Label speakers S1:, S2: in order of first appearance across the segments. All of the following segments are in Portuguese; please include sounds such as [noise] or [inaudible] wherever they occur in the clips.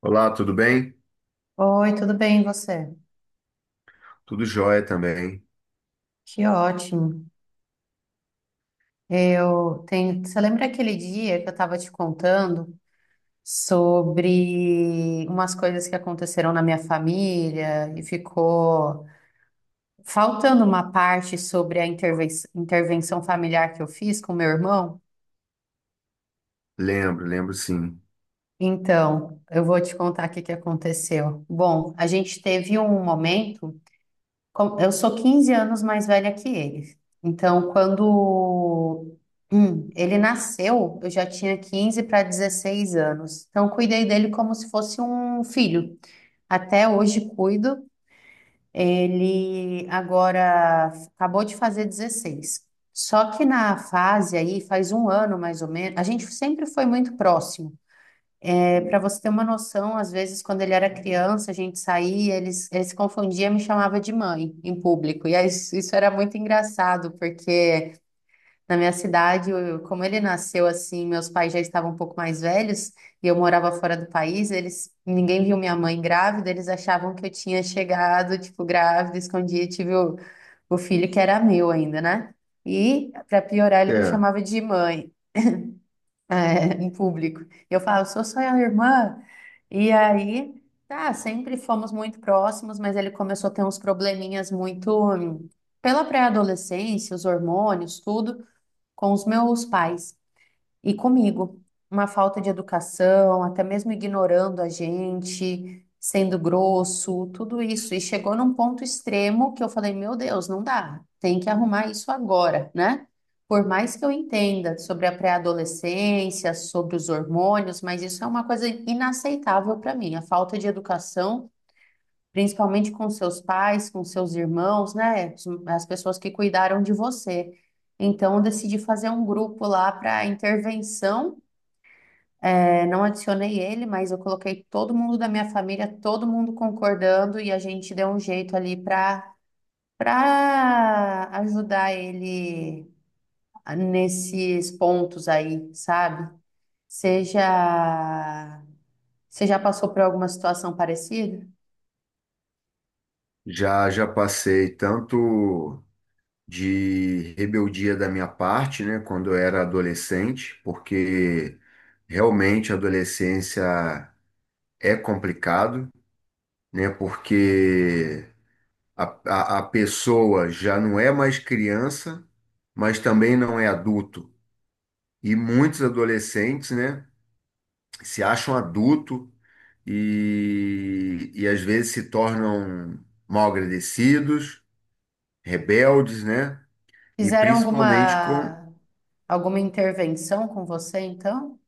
S1: Olá, tudo bem?
S2: Oi, tudo bem, e você?
S1: Tudo jóia também.
S2: Que ótimo. Eu tenho. Você lembra aquele dia que eu estava te contando sobre umas coisas que aconteceram na minha família e ficou faltando uma parte sobre a intervenção familiar que eu fiz com meu irmão?
S1: Lembro, sim.
S2: Então, eu vou te contar o que que aconteceu. Bom, a gente teve um momento. Eu sou 15 anos mais velha que ele. Então, quando ele nasceu, eu já tinha 15 para 16 anos. Então, cuidei dele como se fosse um filho. Até hoje cuido. Ele agora acabou de fazer 16. Só que na fase aí, faz um ano mais ou menos, a gente sempre foi muito próximo. Para você ter uma noção, às vezes, quando ele era criança, a gente saía, ele se confundia e me chamava de mãe em público. E aí, isso era muito engraçado, porque na minha cidade, como ele nasceu assim, meus pais já estavam um pouco mais velhos e eu morava fora do país, eles, ninguém viu minha mãe grávida, eles achavam que eu tinha chegado, tipo, grávida, escondia, tive o filho que era meu ainda, né? E, para piorar, ele me
S1: É,
S2: chamava de mãe em público. E eu falo, sou só a irmã. E aí, tá, sempre fomos muito próximos, mas ele começou a ter uns probleminhas muito pela pré-adolescência, os hormônios, tudo, com os meus pais. E comigo, uma falta de educação, até mesmo ignorando a gente, sendo grosso, tudo isso. E chegou num ponto extremo que eu falei: meu Deus, não dá, tem que arrumar isso agora, né? Por mais que eu entenda sobre a pré-adolescência, sobre os hormônios, mas isso é uma coisa inaceitável para mim, a falta de educação, principalmente com seus pais, com seus irmãos, né? As pessoas que cuidaram de você. Então, eu decidi fazer um grupo lá para intervenção não adicionei ele, mas eu coloquei todo mundo da minha família, todo mundo concordando e a gente deu um jeito ali para ajudar ele nesses pontos aí, sabe? Seja você já passou por alguma situação parecida?
S1: já já passei tanto de rebeldia da minha parte, né, quando eu era adolescente, porque realmente a adolescência é complicado, né, porque a pessoa já não é mais criança, mas também não é adulto. E muitos adolescentes, né? Se acham adulto e, às vezes se tornam mal agradecidos, rebeldes, né? E
S2: Fizeram
S1: principalmente com.
S2: alguma intervenção com você, então?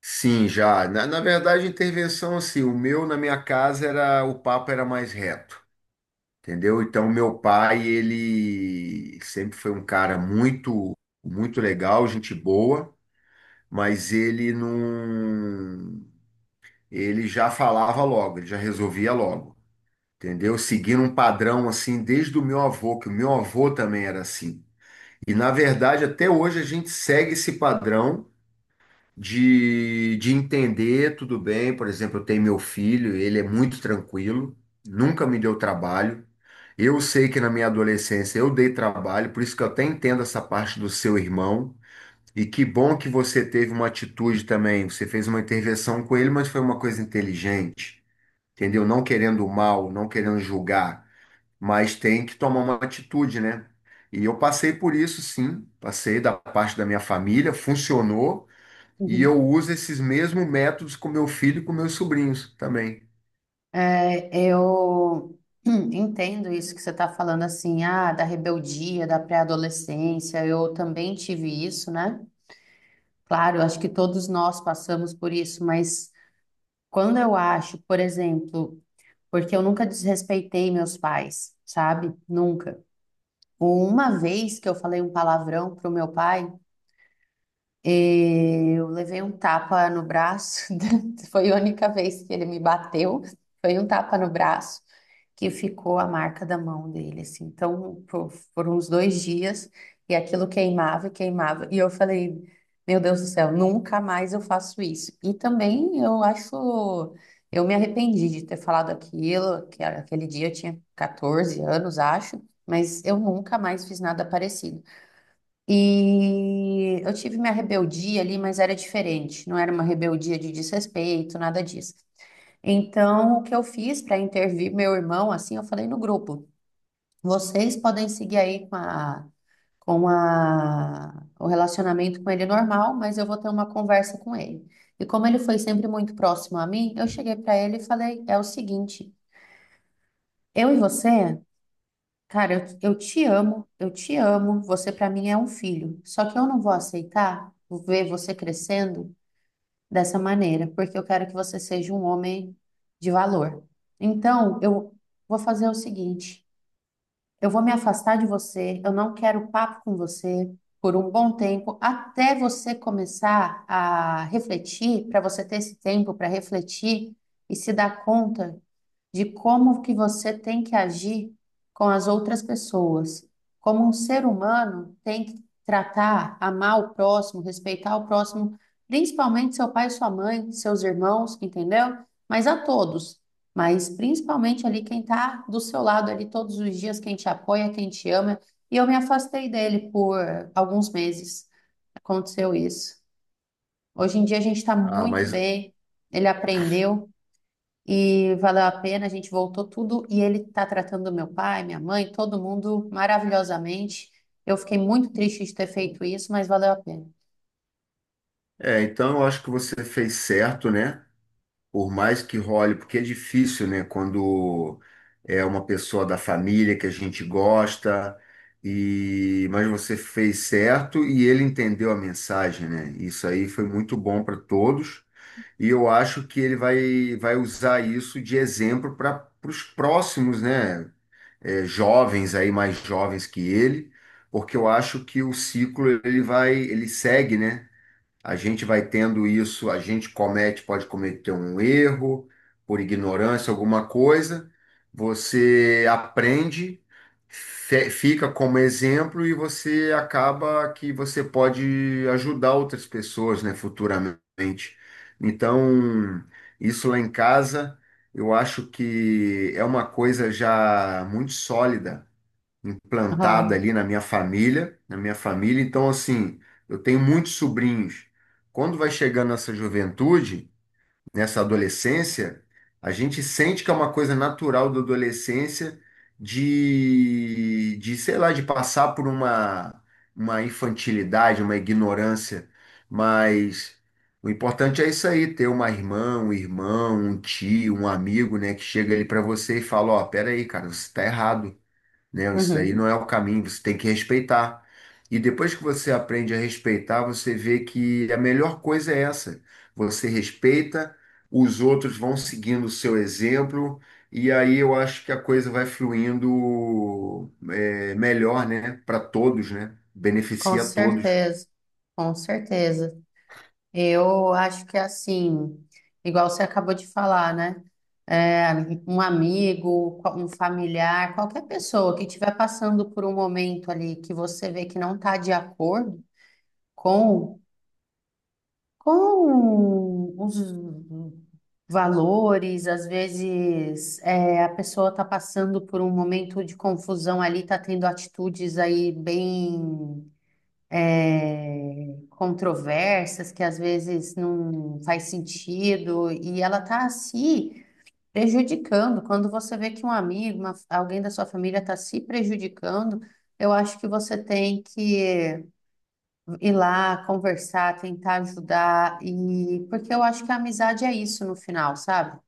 S1: Sim, já. Na verdade, a intervenção, assim, o meu na minha casa era. O papo era mais reto, entendeu? Então, meu pai, ele sempre foi um cara muito legal, gente boa, mas ele não. Ele já falava logo, ele já resolvia logo. Entendeu? Seguindo um padrão assim desde o meu avô, que o meu avô também era assim. E na verdade, até hoje a gente segue esse padrão de entender tudo bem. Por exemplo, eu tenho meu filho, ele é muito tranquilo, nunca me deu trabalho. Eu sei que na minha adolescência eu dei trabalho, por isso que eu até entendo essa parte do seu irmão. E que bom que você teve uma atitude também. Você fez uma intervenção com ele, mas foi uma coisa inteligente, entendeu? Não querendo o mal, não querendo julgar, mas tem que tomar uma atitude, né? E eu passei por isso, sim, passei da parte da minha família, funcionou, e eu uso esses mesmos métodos com meu filho e com meus sobrinhos também.
S2: É, eu [clears throat] entendo isso que você está falando, assim, ah, da rebeldia, da pré-adolescência. Eu também tive isso, né? Claro, eu acho que todos nós passamos por isso, mas quando eu acho, por exemplo, porque eu nunca desrespeitei meus pais, sabe? Nunca. Uma vez que eu falei um palavrão pro meu pai, eu levei um tapa no braço, [laughs] foi a única vez que ele me bateu, foi um tapa no braço que ficou a marca da mão dele, assim. Então, por uns 2 dias, e aquilo queimava e queimava. E eu falei, meu Deus do céu, nunca mais eu faço isso. E também eu acho, eu me arrependi de ter falado aquilo, aquele dia eu tinha 14 anos, acho, mas eu nunca mais fiz nada parecido. E eu tive minha rebeldia ali, mas era diferente, não era uma rebeldia de desrespeito, nada disso. Então, o que eu fiz para intervir meu irmão, assim, eu falei no grupo: vocês podem seguir aí o relacionamento com ele normal, mas eu vou ter uma conversa com ele. E como ele foi sempre muito próximo a mim, eu cheguei para ele e falei: é o seguinte, eu e você. Cara, eu te amo, eu te amo. Você pra mim é um filho. Só que eu não vou aceitar ver você crescendo dessa maneira, porque eu quero que você seja um homem de valor. Então, eu vou fazer o seguinte: eu vou me afastar de você, eu não quero papo com você por um bom tempo, até você começar a refletir, para você ter esse tempo para refletir e se dar conta de como que você tem que agir com as outras pessoas. Como um ser humano tem que tratar, amar o próximo, respeitar o próximo, principalmente seu pai, sua mãe, seus irmãos, entendeu? Mas a todos. Mas principalmente ali quem está do seu lado ali todos os dias, quem te apoia, quem te ama. E eu me afastei dele por alguns meses. Aconteceu isso. Hoje em dia a gente está
S1: Ah,
S2: muito
S1: mas
S2: bem, ele aprendeu. E valeu a pena, a gente voltou tudo e ele tá tratando meu pai, minha mãe, todo mundo maravilhosamente. Eu fiquei muito triste de ter feito isso, mas valeu a pena.
S1: é, então eu acho que você fez certo, né? Por mais que role, porque é difícil, né? Quando é uma pessoa da família que a gente gosta, e mas você fez certo e ele entendeu a mensagem, né? Isso aí foi muito bom para todos. E eu acho que ele vai usar isso de exemplo para os próximos, né, jovens aí, mais jovens que ele, porque eu acho que o ciclo ele vai, ele segue, né? A gente vai tendo isso, a gente comete, pode cometer um erro por ignorância, alguma coisa. Você aprende, fica como exemplo e você acaba que você pode ajudar outras pessoas, né, futuramente. Então, isso lá em casa, eu acho que é uma coisa já muito sólida implantada
S2: Aham.
S1: ali na minha família, na minha família. Então, assim, eu tenho muitos sobrinhos. Quando vai chegando nessa juventude, nessa adolescência, a gente sente que é uma coisa natural da adolescência sei lá, de passar por uma infantilidade, uma ignorância, mas o importante é isso aí, ter uma irmã, um irmão, um tio, um amigo, né, que chega ali para você e fala, ó, pera aí, cara, você tá errado, né? Isso daí
S2: Uhum.
S1: não é o caminho, você tem que respeitar. E depois que você aprende a respeitar, você vê que a melhor coisa é essa. Você respeita, os outros vão seguindo o seu exemplo, e aí eu acho que a coisa vai fluindo melhor, né? Para todos, né?
S2: Com
S1: Beneficia a todos.
S2: certeza, com certeza. Eu acho que assim, igual você acabou de falar, né? É, um amigo, um familiar, qualquer pessoa que estiver passando por um momento ali que você vê que não está de acordo com, com os valores, às vezes a pessoa está passando por um momento de confusão ali, está tendo atitudes aí bem controversas, que às vezes não faz sentido, e ela está se prejudicando. Quando você vê que um amigo, alguém da sua família está se prejudicando, eu acho que você tem que ir lá conversar, tentar ajudar, e porque eu acho que a amizade é isso no final, sabe?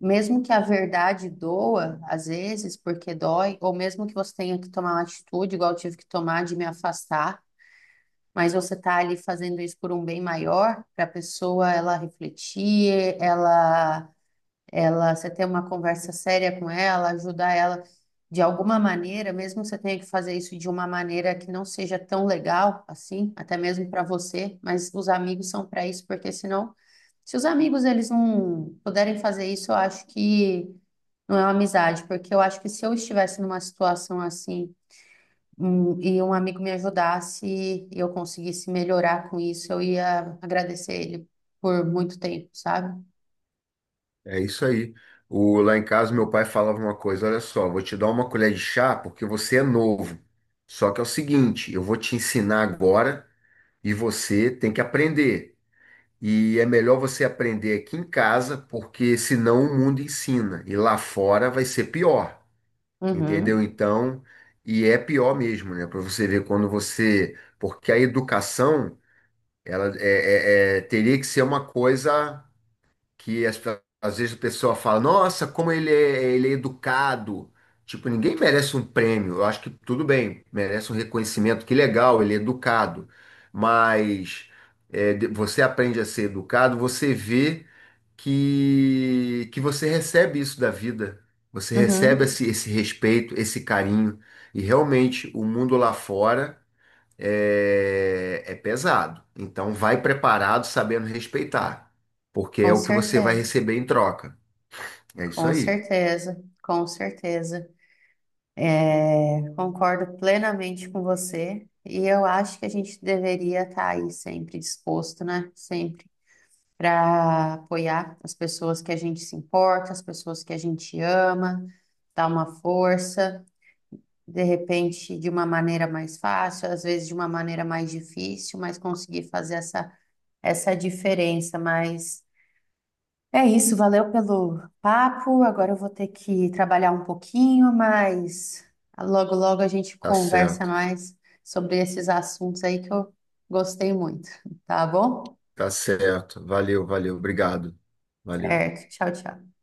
S2: Mesmo que a verdade doa, às vezes, porque dói, ou mesmo que você tenha que tomar uma atitude, igual eu tive que tomar de me afastar, mas você tá ali fazendo isso por um bem maior, para a pessoa ela refletir, você ter uma conversa séria com ela, ajudar ela de alguma maneira, mesmo que você tenha que fazer isso de uma maneira que não seja tão legal assim, até mesmo para você, mas os amigos são para isso, porque senão se os amigos eles não puderem fazer isso, eu acho que não é uma amizade, porque eu acho que se eu estivesse numa situação assim, e um amigo me ajudasse e eu conseguisse melhorar com isso, eu ia agradecer ele por muito tempo, sabe?
S1: É isso aí. O, lá em casa, meu pai falava uma coisa: olha só, vou te dar uma colher de chá porque você é novo. Só que é o seguinte, eu vou te ensinar agora, e você tem que aprender. E é melhor você aprender aqui em casa, porque senão o mundo ensina e lá fora vai ser pior, entendeu?
S2: Uhum,
S1: Então, e é pior mesmo, né? Para você ver quando você, porque a educação ela teria que ser uma coisa que as- às vezes a pessoa fala, nossa, como ele é educado. Tipo, ninguém merece um prêmio. Eu acho que tudo bem, merece um reconhecimento, que legal, ele é educado. Mas você aprende a ser educado, você vê que você recebe isso da vida. Você recebe
S2: uhum,
S1: esse respeito, esse carinho. E realmente, o mundo lá fora é pesado. Então, vai preparado, sabendo respeitar, porque
S2: com
S1: é o que você vai
S2: certeza,
S1: receber em troca. É isso
S2: com
S1: aí.
S2: certeza, com certeza. É, concordo plenamente com você. E eu acho que a gente deveria estar aí sempre disposto, né? Sempre. Para apoiar as pessoas que a gente se importa, as pessoas que a gente ama, dar uma força, de repente de uma maneira mais fácil, às vezes de uma maneira mais difícil, mas conseguir fazer essa diferença. Mas é isso, valeu pelo papo. Agora eu vou ter que trabalhar um pouquinho, mas logo, logo a gente
S1: Tá
S2: conversa
S1: certo,
S2: mais sobre esses assuntos aí que eu gostei muito, tá bom?
S1: tá certo. Valeu, valeu, obrigado. Valeu.
S2: Certo, tchau, tchau.